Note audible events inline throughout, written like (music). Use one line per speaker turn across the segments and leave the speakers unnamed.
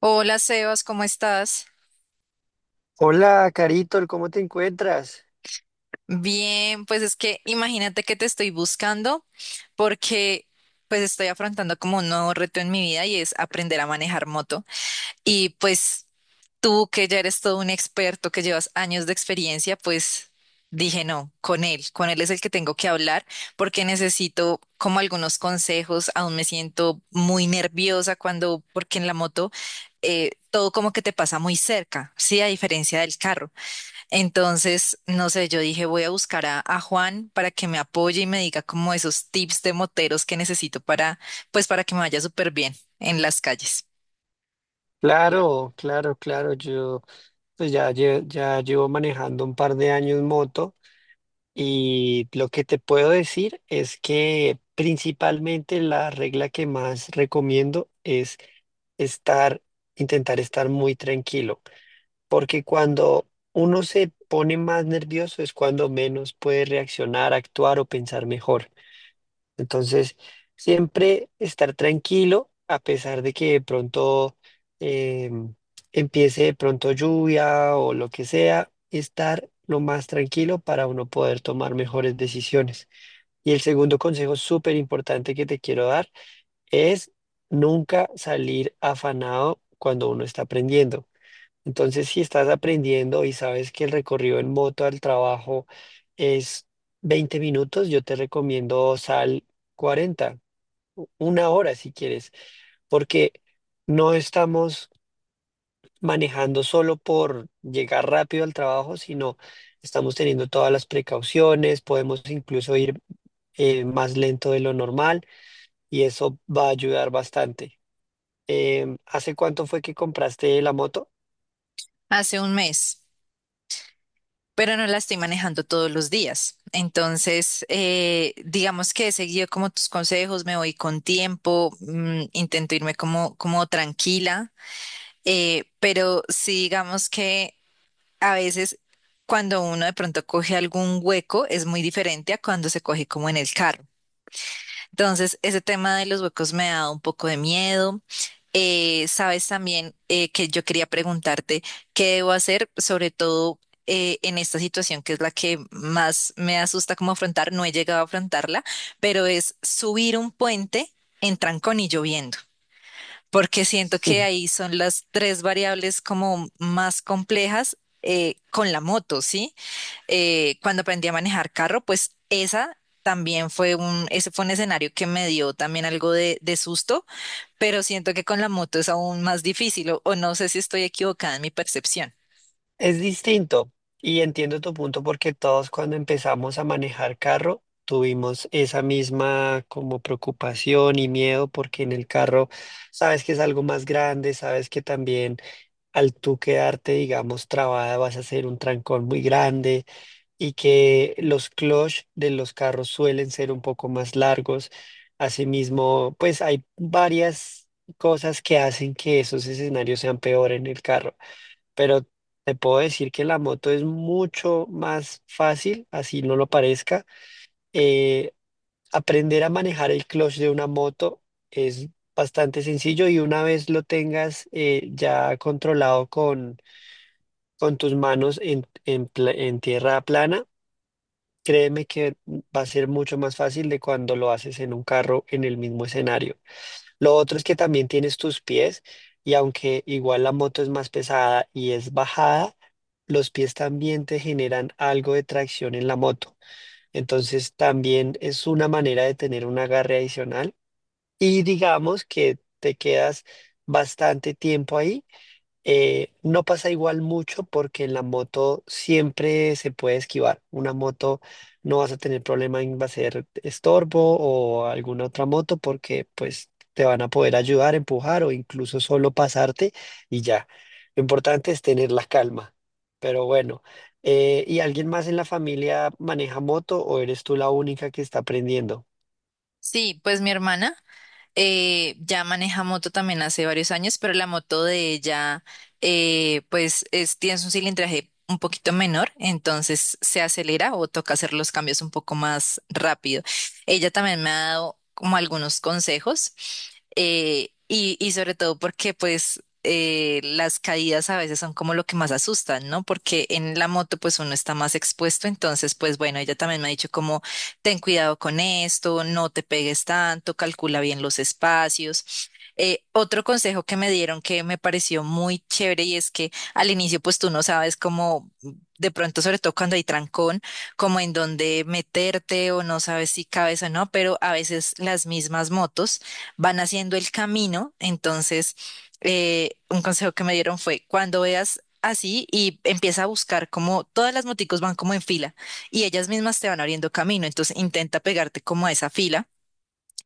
Hola Sebas, ¿cómo estás?
Hola, Carito, ¿cómo te encuentras?
Bien, pues es que imagínate que te estoy buscando porque pues estoy afrontando como un nuevo reto en mi vida y es aprender a manejar moto. Y pues tú que ya eres todo un experto, que llevas años de experiencia, pues dije no, con él es el que tengo que hablar porque necesito como algunos consejos, aún me siento muy nerviosa cuando, porque en la moto todo como que te pasa muy cerca, sí, a diferencia del carro. Entonces, no sé, yo dije, voy a buscar a Juan para que me apoye y me diga como esos tips de moteros que necesito para, pues para que me vaya súper bien en las calles.
Claro, claro, claro. Yo pues ya, ya llevo manejando un par de años moto y lo que te puedo decir es que principalmente la regla que más recomiendo es estar, intentar estar muy tranquilo, porque cuando uno se pone más nervioso es cuando menos puede reaccionar, actuar o pensar mejor. Entonces, siempre estar tranquilo, a pesar de que de pronto em, empiece de pronto lluvia o lo que sea, estar lo más tranquilo para uno poder tomar mejores decisiones. Y el segundo consejo súper importante que te quiero dar es nunca salir afanado cuando uno está aprendiendo. Entonces, si estás aprendiendo y sabes que el recorrido en moto al trabajo es 20 minutos, yo te recomiendo sal 40, una hora si quieres, porque no estamos manejando solo por llegar rápido al trabajo, sino estamos teniendo todas las precauciones, podemos incluso ir más lento de lo normal y eso va a ayudar bastante. ¿Hace cuánto fue que compraste la moto?
Hace un mes, pero no la estoy manejando todos los días. Entonces, digamos que he seguido como tus consejos, me voy con tiempo, intento irme como, como tranquila, pero sí digamos que a veces cuando uno de pronto coge algún hueco es muy diferente a cuando se coge como en el carro. Entonces, ese tema de los huecos me ha dado un poco de miedo. Sabes también que yo quería preguntarte qué debo hacer, sobre todo en esta situación que es la que más me asusta como afrontar. No he llegado a afrontarla, pero es subir un puente en trancón y lloviendo, porque siento que
(laughs)
ahí son las tres variables como más complejas con la moto, ¿sí? Cuando aprendí a manejar carro, pues esa también ese fue un escenario que me dio también algo de susto, pero siento que con la moto es aún más difícil o no sé si estoy equivocada en mi percepción.
Es distinto y entiendo tu punto porque todos cuando empezamos a manejar carro tuvimos esa misma como preocupación y miedo porque en el carro sabes que es algo más grande, sabes que también al tú quedarte, digamos, trabada vas a hacer un trancón muy grande y que los clutch de los carros suelen ser un poco más largos. Asimismo, pues hay varias cosas que hacen que esos escenarios sean peor en el carro pero te puedo decir que la moto es mucho más fácil, así no lo parezca. Eh, aprender a manejar el clutch de una moto es bastante sencillo y una vez lo tengas ya controlado con tus manos en en tierra plana, créeme que va a ser mucho más fácil de cuando lo haces en un carro en el mismo escenario. Lo otro es que también tienes tus pies y aunque igual la moto es más pesada y es bajada, los pies también te generan algo de tracción en la moto. Entonces también es una manera de tener un agarre adicional y digamos que te quedas bastante tiempo ahí no pasa igual mucho porque en la moto siempre se puede esquivar. Una moto no vas a tener problema en va a ser estorbo o alguna otra moto porque pues te van a poder ayudar, empujar o incluso solo pasarte y ya. Lo importante es tener la calma. Pero bueno, ¿y alguien más en la familia maneja moto o eres tú la única que está aprendiendo?
Sí, pues mi hermana ya maneja moto también hace varios años, pero la moto de ella tiene un cilindraje un poquito menor, entonces se acelera o toca hacer los cambios un poco más rápido. Ella también me ha dado como algunos consejos y sobre todo porque pues las caídas a veces son como lo que más asustan, ¿no? Porque en la moto pues uno está más expuesto, entonces pues bueno, ella también me ha dicho como ten cuidado con esto, no te pegues tanto, calcula bien los espacios. Otro consejo que me dieron que me pareció muy chévere y es que al inicio pues tú no sabes cómo de pronto, sobre todo cuando hay trancón, como en dónde meterte o no sabes si cabes o no, pero a veces las mismas motos van haciendo el camino. Entonces, un consejo que me dieron fue cuando veas así y empieza a buscar como todas las moticos van como en fila y ellas mismas te van abriendo camino. Entonces intenta pegarte como a esa fila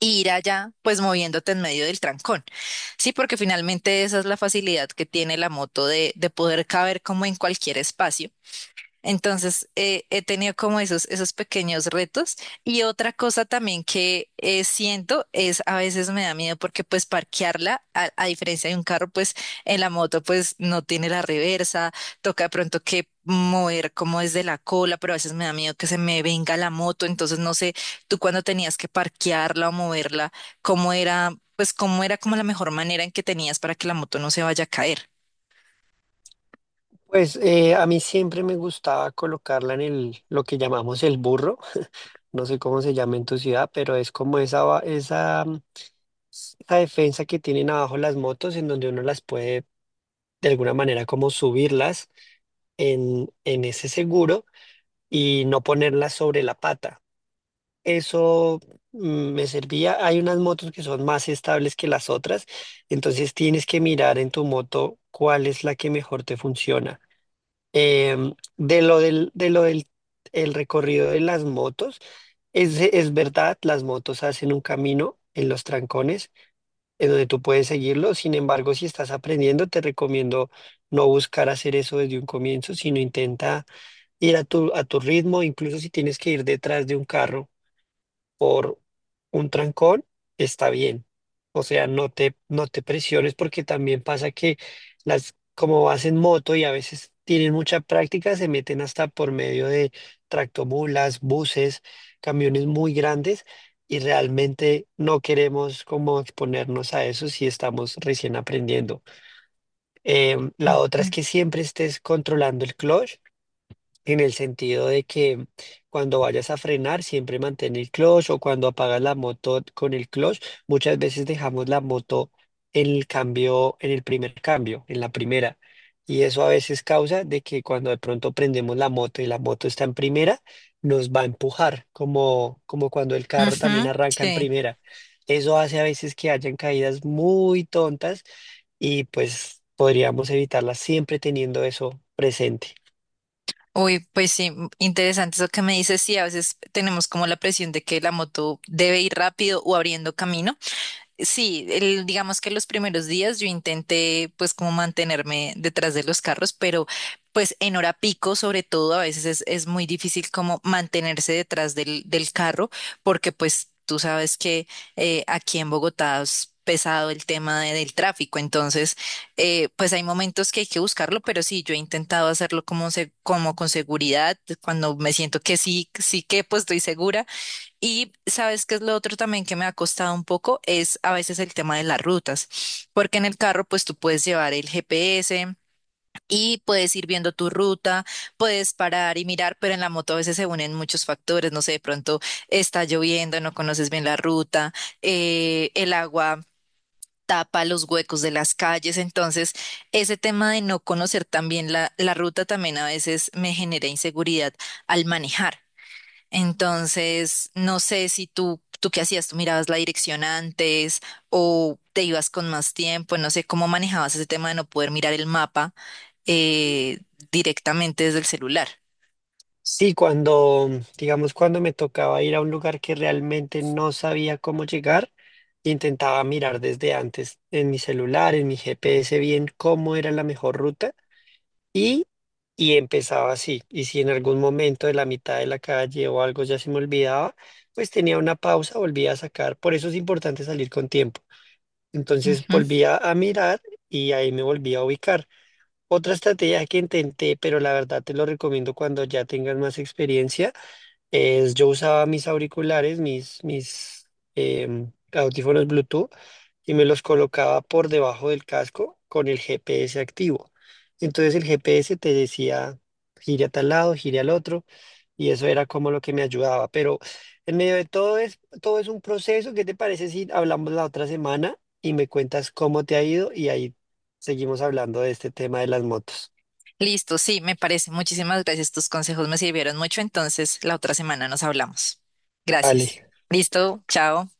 e ir allá, pues moviéndote en medio del trancón. Sí, porque finalmente esa es la facilidad que tiene la moto de poder caber como en cualquier espacio. Entonces, he tenido como esos pequeños retos. Y otra cosa también que siento es a veces me da miedo porque pues parquearla, a diferencia de un carro, pues en la moto pues no tiene la reversa, toca de pronto que mover como desde la cola, pero a veces me da miedo que se me venga la moto. Entonces, no sé, tú cuando tenías que parquearla o moverla, ¿cómo era, pues cómo era como la mejor manera en que tenías para que la moto no se vaya a caer?
Pues a mí siempre me gustaba colocarla en el, lo que llamamos el burro. No sé cómo se llama en tu ciudad, pero es como esa, esa, esa defensa que tienen abajo las motos en donde uno las puede de alguna manera como subirlas en ese seguro y no ponerlas sobre la pata. Eso mm, me servía. Hay unas motos que son más estables que las otras, entonces tienes que mirar en tu moto cuál es la que mejor te funciona. De de lo del el recorrido de las motos, es verdad, las motos hacen un camino en los trancones en donde tú puedes seguirlo. Sin embargo, si estás aprendiendo, te recomiendo no buscar hacer eso desde un comienzo, sino intenta ir a a tu ritmo, incluso si tienes que ir detrás de un carro por un trancón, está bien. O sea, no te presiones porque también pasa que como vas en moto y a veces tienen mucha práctica, se meten hasta por medio de tractomulas, buses, camiones muy grandes y realmente no queremos como exponernos a eso si estamos recién aprendiendo. La otra es
Mm.
que siempre estés controlando el clutch en el sentido de que cuando vayas a frenar, siempre mantén el clutch o cuando apagas la moto con el clutch, muchas veces dejamos la moto en el cambio, en el primer cambio, en la primera. Y eso a veces causa de que cuando de pronto prendemos la moto y la moto está en primera, nos va a empujar, como, como cuando el carro también
Ujú,
arranca en
sí.
primera. Eso hace a veces que hayan caídas muy tontas y pues podríamos evitarlas siempre teniendo eso presente.
Uy, pues sí, interesante eso que me dices. Sí, a veces tenemos como la presión de que la moto debe ir rápido o abriendo camino. Sí, digamos que los primeros días yo intenté pues como mantenerme detrás de los carros, pero pues en hora pico sobre todo a veces es muy difícil como mantenerse detrás del carro porque pues tú sabes que aquí en Bogotá es pesado el tema del tráfico, entonces pues hay momentos que hay que buscarlo, pero sí, yo he intentado hacerlo como, como con seguridad, cuando me siento que sí, sí que pues estoy segura y sabes qué es lo otro también que me ha costado un poco, es a veces el tema de las rutas, porque en el carro pues tú puedes llevar el GPS y puedes ir viendo tu ruta, puedes parar y mirar, pero en la moto a veces se unen muchos factores, no sé, de pronto está lloviendo, no conoces bien la ruta, el agua tapa los huecos de las calles, entonces ese tema de no conocer también la ruta también a veces me genera inseguridad al manejar. Entonces, no sé si tú qué hacías, tú mirabas la dirección antes o te ibas con más tiempo, no sé cómo manejabas ese tema de no poder mirar el mapa eh, directamente desde el celular.
Sí, digamos, cuando me tocaba ir a un lugar que realmente no sabía cómo llegar, intentaba mirar desde antes en mi celular, en mi GPS, bien cómo era la mejor ruta y, y empezaba así. Y si en algún momento de la mitad de la calle o algo ya se me olvidaba, pues tenía una pausa, volvía a sacar. Por eso es importante salir con tiempo. Entonces
Ujú.
volvía a mirar y ahí me volvía a ubicar. Otra estrategia que intenté, pero la verdad te lo recomiendo cuando ya tengas más experiencia es, yo usaba mis auriculares, audífonos Bluetooth, y me los colocaba por debajo del casco con el GPS activo. Entonces el GPS te decía, gire a tal lado, gire al otro, y eso era como lo que me ayudaba. Pero en medio de todo todo es un proceso. ¿Qué te parece si hablamos la otra semana y me cuentas cómo te ha ido? Y ahí seguimos hablando de este tema de las motos.
Listo, sí, me parece. Muchísimas gracias. Tus consejos me sirvieron mucho. Entonces, la otra semana nos hablamos. Gracias.
Vale.
Listo, chao.